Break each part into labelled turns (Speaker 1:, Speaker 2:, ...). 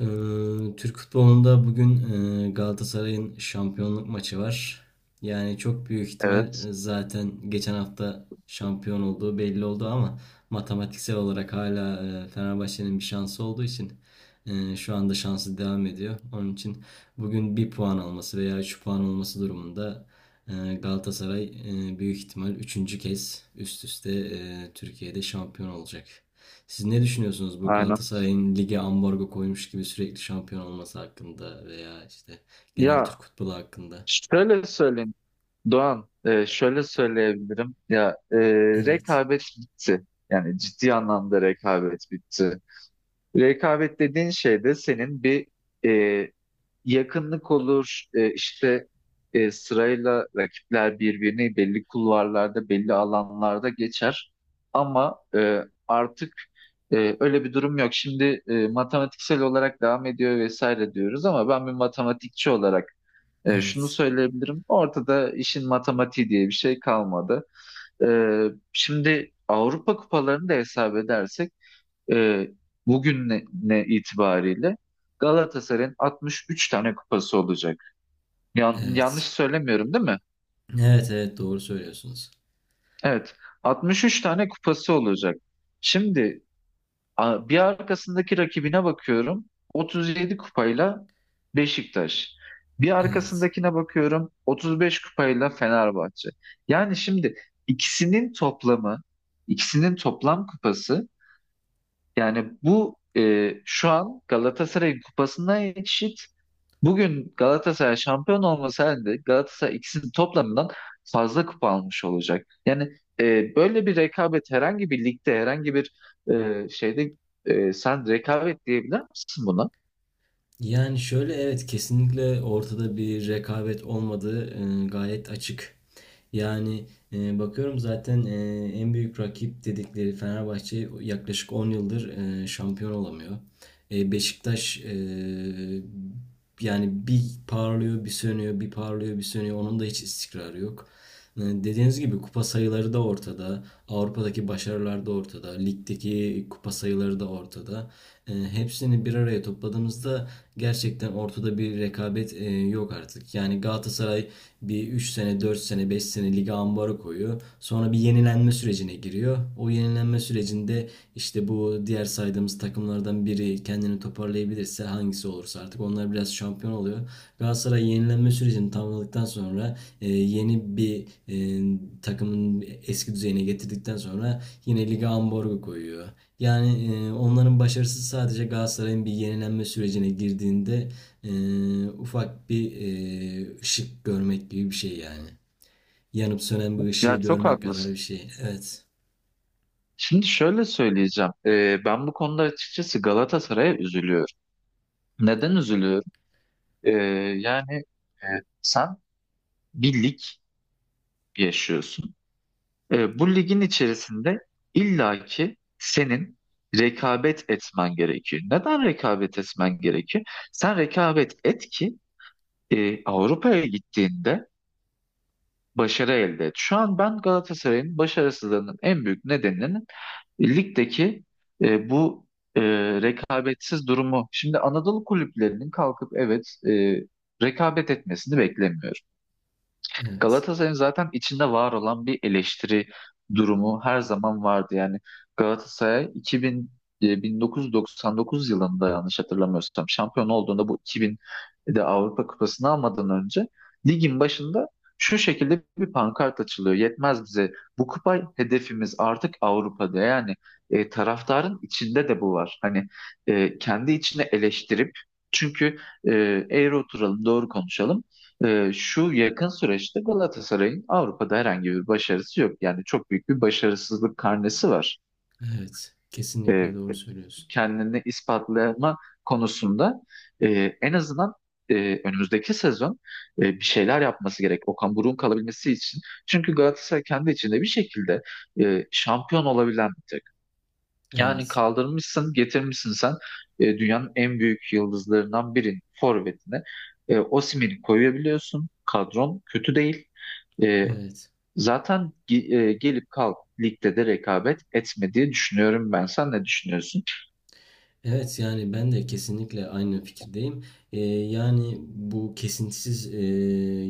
Speaker 1: Ee, Türk futbolunda bugün Galatasaray'ın şampiyonluk maçı var. Yani çok büyük ihtimal
Speaker 2: Evet,
Speaker 1: zaten geçen hafta şampiyon olduğu belli oldu ama matematiksel olarak hala Fenerbahçe'nin bir şansı olduğu için şu anda şansı devam ediyor. Onun için bugün bir puan alması veya 3 puan olması durumunda Galatasaray büyük ihtimal üçüncü kez üst üste Türkiye'de şampiyon olacak. Siz ne düşünüyorsunuz bu
Speaker 2: aynen.
Speaker 1: Galatasaray'ın lige ambargo koymuş gibi sürekli şampiyon olması hakkında veya işte genel
Speaker 2: Ya
Speaker 1: Türk futbolu hakkında?
Speaker 2: şöyle söyleyeyim Doğan, şöyle söyleyebilirim. Ya
Speaker 1: Evet,
Speaker 2: rekabet bitti. Yani ciddi anlamda rekabet bitti. Rekabet dediğin şey de senin bir e, yakınlık olur. İşte sırayla rakipler birbirini belli kulvarlarda, belli alanlarda geçer. Ama artık öyle bir durum yok. Şimdi matematiksel olarak devam ediyor vesaire diyoruz ama ben bir matematikçi olarak şunu
Speaker 1: evet,
Speaker 2: söyleyebilirim. Ortada işin matematiği diye bir şey kalmadı. E, Şimdi Avrupa kupalarını da hesap edersek e, bugün ne itibariyle Galatasaray'ın 63 tane kupası olacak. Yanlış
Speaker 1: evet.
Speaker 2: söylemiyorum değil mi?
Speaker 1: Evet, evet, doğru söylüyorsunuz.
Speaker 2: Evet. 63 tane kupası olacak. Şimdi bir arkasındaki rakibine bakıyorum. 37 kupayla Beşiktaş. Bir
Speaker 1: Evet.
Speaker 2: arkasındakine bakıyorum. 35 kupayla Fenerbahçe. Yani şimdi ikisinin toplamı, ikisinin toplam kupası yani bu şu an Galatasaray'ın kupasına eşit. Bugün Galatasaray şampiyon olması halinde Galatasaray ikisinin toplamından fazla kupa almış olacak. Yani böyle bir rekabet herhangi bir ligde, herhangi bir şeyde sen rekabet diyebilir misin buna?
Speaker 1: Yani şöyle evet, kesinlikle ortada bir rekabet olmadığı gayet açık. Yani bakıyorum zaten. En büyük rakip dedikleri Fenerbahçe yaklaşık 10 yıldır şampiyon olamıyor. E, Beşiktaş, yani bir parlıyor bir sönüyor bir parlıyor bir sönüyor, onun da hiç istikrarı yok. E, dediğiniz gibi kupa sayıları da ortada. Avrupa'daki başarılar da ortada. Ligdeki kupa sayıları da ortada, hepsini bir araya topladığımızda gerçekten ortada bir rekabet yok artık. Yani Galatasaray bir 3 sene, 4 sene, 5 sene lige ambarı koyuyor. Sonra bir yenilenme sürecine giriyor. O yenilenme sürecinde işte bu diğer saydığımız takımlardan biri kendini toparlayabilirse, hangisi olursa artık, onlar biraz şampiyon oluyor. Galatasaray yenilenme sürecini tamamladıktan sonra yeni bir takımın eski düzeyine getirdikten sonra yine lige ambargo koyuyor. Yani onların başarısı sadece Galatasaray'ın bir yenilenme sürecine girdiğinde e, ufak bir ışık görmek gibi bir şey yani. Yanıp sönen bir ışığı
Speaker 2: Ya çok
Speaker 1: görmek kadar bir
Speaker 2: haklısın.
Speaker 1: şey. Evet.
Speaker 2: Şimdi şöyle söyleyeceğim. Ben bu konuda açıkçası Galatasaray'a üzülüyorum. Neden üzülüyorum? E, Yani e, sen bir lig yaşıyorsun. Bu ligin içerisinde illaki senin rekabet etmen gerekiyor. Neden rekabet etmen gerekiyor? Sen rekabet et ki Avrupa'ya gittiğinde başarı elde et. Şu an ben Galatasaray'ın başarısızlığının en büyük nedeninin ligdeki bu e, rekabetsiz durumu. Şimdi Anadolu kulüplerinin kalkıp evet rekabet etmesini beklemiyorum.
Speaker 1: Evet.
Speaker 2: Galatasaray'ın zaten içinde var olan bir eleştiri durumu her zaman vardı. Yani Galatasaray 2000, 1999 yılında yanlış hatırlamıyorsam şampiyon olduğunda bu 2000'de Avrupa Kupası'nı almadan önce ligin başında şu şekilde bir pankart açılıyor. Yetmez bize. Bu kupa hedefimiz artık Avrupa'da. Yani taraftarın içinde de bu var. Hani kendi içine eleştirip çünkü e, eğri oturalım, doğru konuşalım. Şu yakın süreçte Galatasaray'ın Avrupa'da herhangi bir başarısı yok. Yani çok büyük bir başarısızlık karnesi var.
Speaker 1: Evet, kesinlikle
Speaker 2: Ee,
Speaker 1: doğru söylüyorsun.
Speaker 2: Kendini ispatlama konusunda e, en azından e, önümüzdeki sezon bir şeyler yapması gerek. Okan Buruk'un kalabilmesi için. Çünkü Galatasaray kendi içinde bir şekilde şampiyon olabilen bir takım. Yani
Speaker 1: Evet.
Speaker 2: kaldırmışsın, getirmişsin sen dünyanın en büyük yıldızlarından birinin forvetine. Osimhen'i koyabiliyorsun. Kadron kötü değil. E,
Speaker 1: Evet.
Speaker 2: Zaten gelip kalk ligde de rekabet etme diye düşünüyorum ben. Sen ne düşünüyorsun?
Speaker 1: Evet, yani ben de kesinlikle aynı fikirdeyim. Yani bu kesintisiz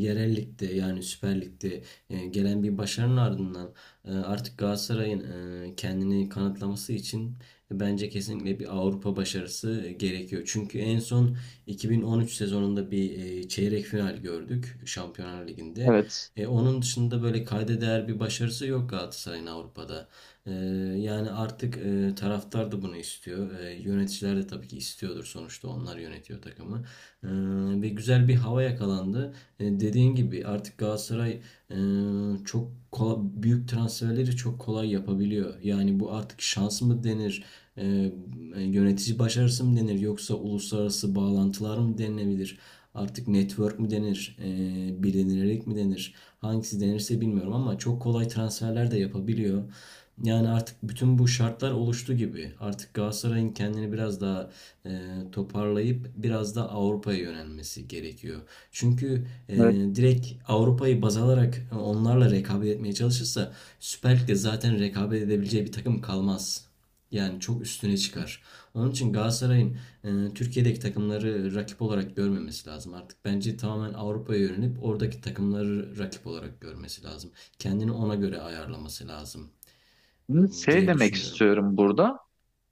Speaker 1: yerel ligde, yani Süper Lig'de gelen bir başarının ardından artık Galatasaray'ın kendini kanıtlaması için bence kesinlikle bir Avrupa başarısı gerekiyor. Çünkü en son 2013 sezonunda bir çeyrek final gördük Şampiyonlar Ligi'nde.
Speaker 2: Evet.
Speaker 1: E, onun dışında böyle kayda değer bir başarısı yok Galatasaray'ın Avrupa'da. Ee, Yani artık taraftar da bunu istiyor. Yöneticiler de tabii ki istiyordur, sonuçta onlar yönetiyor takımı. Ee, Ve güzel bir hava yakalandı. Dediğin gibi artık Galatasaray e, çok kolay, büyük transferleri çok kolay yapabiliyor. Yani bu artık şans mı denir? Ee, Yönetici başarısı mı denir? Yoksa uluslararası bağlantılar mı denilebilir? Artık network mu denir? E, bilinilerek mi denir? Hangisi denirse bilmiyorum ama çok kolay transferler de yapabiliyor. Yani artık bütün bu şartlar oluştu gibi. Artık Galatasaray'ın kendini biraz daha e, toparlayıp biraz da Avrupa'ya yönelmesi gerekiyor. Çünkü
Speaker 2: Evet.
Speaker 1: direkt Avrupa'yı baz alarak onlarla rekabet etmeye çalışırsa Süper Lig'de zaten rekabet edebileceği bir takım kalmaz. Yani çok üstüne çıkar. Onun için Galatasaray'ın Türkiye'deki takımları rakip olarak görmemesi lazım. Artık bence tamamen Avrupa'ya yönelip oradaki takımları rakip olarak görmesi lazım. Kendini ona göre ayarlaması lazım
Speaker 2: Şey
Speaker 1: diye
Speaker 2: demek
Speaker 1: düşünüyorum.
Speaker 2: istiyorum burada.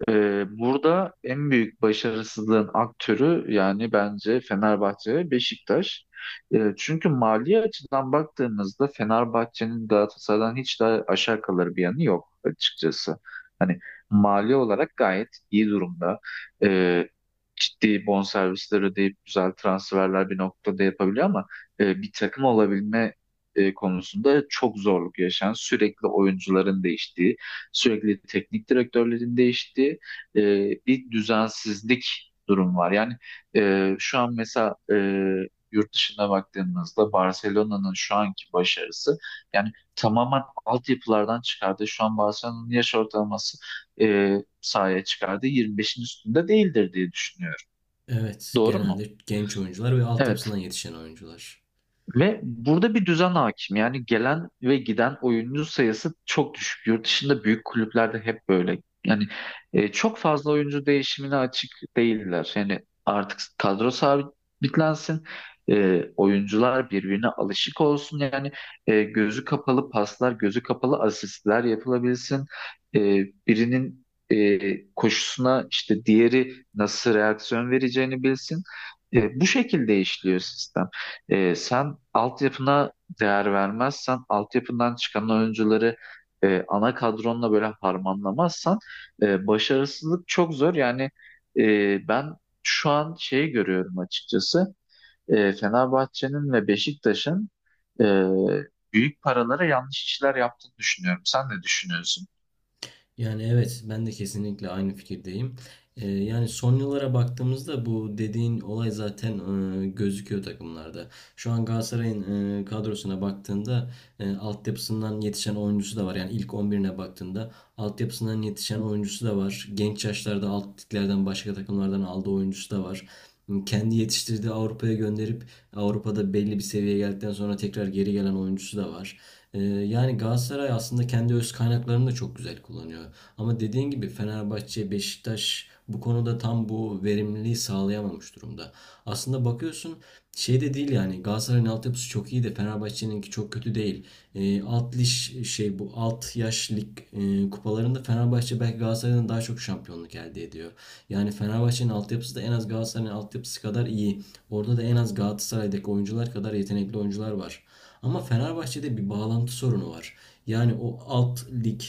Speaker 2: Burada en büyük başarısızlığın aktörü yani bence Fenerbahçe ve Beşiktaş. Çünkü mali açıdan baktığımızda Fenerbahçe'nin Galatasaray'dan hiç daha aşağı kalır bir yanı yok açıkçası. Hani mali olarak gayet iyi durumda. Ee, Ciddi bonservisler ödeyip güzel transferler bir noktada yapabiliyor ama bir takım olabilme konusunda çok zorluk yaşayan, sürekli oyuncuların değiştiği, sürekli teknik direktörlerin değiştiği e, bir düzensizlik durum var. Yani şu an mesela yurt dışına baktığımızda Barcelona'nın şu anki başarısı yani tamamen altyapılardan çıkardı. Şu an Barcelona'nın yaş ortalaması sahaya çıkardığı 25'in üstünde değildir diye düşünüyorum.
Speaker 1: Evet,
Speaker 2: Doğru mu?
Speaker 1: genelde genç oyuncular ve altyapısından
Speaker 2: Evet.
Speaker 1: yetişen oyuncular.
Speaker 2: Ve burada bir düzen hakim. Yani gelen ve giden oyuncu sayısı çok düşük. Yurt dışında büyük kulüplerde hep böyle. Yani çok fazla oyuncu değişimine açık değiller. Yani artık kadro sabitlensin. Oyuncular birbirine alışık olsun. Yani gözü kapalı paslar, gözü kapalı asistler yapılabilsin. E, Birinin koşusuna işte diğeri nasıl reaksiyon vereceğini bilsin. Bu şekilde işliyor sistem. Sen altyapına değer vermezsen, altyapından çıkan oyuncuları ana kadronla böyle harmanlamazsan başarısızlık çok zor. Yani ben şu an şeyi görüyorum açıkçası. Fenerbahçe'nin ve Beşiktaş'ın e, büyük paralara yanlış işler yaptığını düşünüyorum. Sen ne düşünüyorsun?
Speaker 1: Yani evet, ben de kesinlikle aynı fikirdeyim. Yani son yıllara baktığımızda bu dediğin olay zaten gözüküyor takımlarda. Şu an Galatasaray'ın kadrosuna baktığında altyapısından yetişen oyuncusu da var. Yani ilk 11'ine baktığında altyapısından yetişen oyuncusu da var. Genç yaşlarda alt liglerden, başka takımlardan aldığı oyuncusu da var. Kendi yetiştirdiği, Avrupa'ya gönderip Avrupa'da belli bir seviyeye geldikten sonra tekrar geri gelen oyuncusu da var. Yani Galatasaray aslında kendi öz kaynaklarını da çok güzel kullanıyor. Ama dediğin gibi Fenerbahçe, Beşiktaş bu konuda tam bu verimliliği sağlayamamış durumda. Aslında bakıyorsun, şey de değil yani, Galatasaray'ın altyapısı çok iyi de Fenerbahçe'ninki çok kötü değil. Alt liş şey Bu alt yaş lig kupalarında Fenerbahçe belki Galatasaray'dan daha çok şampiyonluk elde ediyor. Yani Fenerbahçe'nin altyapısı da en az Galatasaray'ın altyapısı kadar iyi. Orada da en az Galatasaray'daki oyuncular kadar yetenekli oyuncular var. Ama Fenerbahçe'de bir bağlantı sorunu var. Yani o alt lig,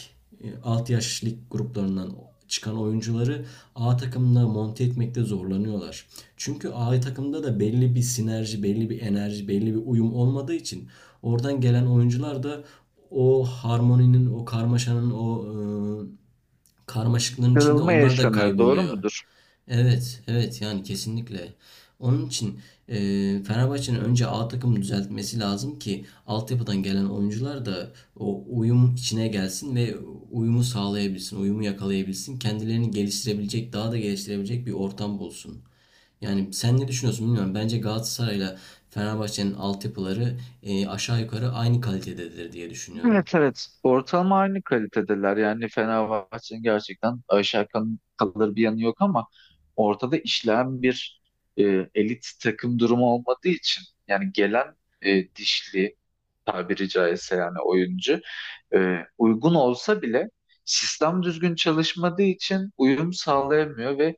Speaker 1: e, alt yaş lig gruplarından çıkan oyuncuları A takımına monte etmekte zorlanıyorlar. Çünkü A takımda da belli bir sinerji, belli bir enerji, belli bir uyum olmadığı için oradan gelen oyuncular da o harmoninin, o karmaşanın, o e, karmaşıklığın içinde
Speaker 2: Kırılma
Speaker 1: onlar da
Speaker 2: yaşanıyor, doğru
Speaker 1: kayboluyor.
Speaker 2: mudur?
Speaker 1: Evet, evet, yani kesinlikle. Onun için e, Fenerbahçe'nin önce A takımı düzeltmesi lazım ki altyapıdan gelen oyuncular da o uyum içine gelsin ve uyumu sağlayabilsin, uyumu yakalayabilsin. Kendilerini geliştirebilecek, daha da geliştirebilecek bir ortam bulsun. Yani sen ne düşünüyorsun bilmiyorum. Bence Galatasaray'la Fenerbahçe'nin altyapıları aşağı yukarı aynı kalitededir diye düşünüyorum.
Speaker 2: Evet, evet, ortalama aynı kalitedeler yani Fenerbahçe'nin gerçekten aşağı kalır bir yanı yok ama ortada işleyen bir e, elit takım durumu olmadığı için yani gelen dişli tabiri caizse yani oyuncu e, uygun olsa bile sistem düzgün çalışmadığı için uyum sağlayamıyor ve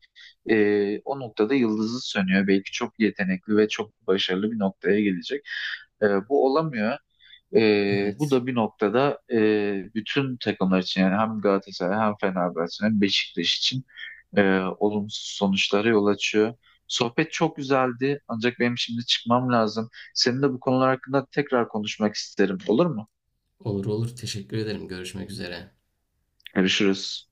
Speaker 2: o noktada yıldızı sönüyor. Belki çok yetenekli ve çok başarılı bir noktaya gelecek. Bu olamıyor. Bu
Speaker 1: Evet.
Speaker 2: da bir noktada bütün takımlar için yani hem Galatasaray hem Fenerbahçe hem Beşiktaş için e, olumsuz sonuçlara yol açıyor. Sohbet çok güzeldi ancak benim şimdi çıkmam lazım. Seninle bu konular hakkında tekrar konuşmak isterim. Olur mu?
Speaker 1: Olur olur. Teşekkür ederim. Görüşmek üzere.
Speaker 2: Görüşürüz.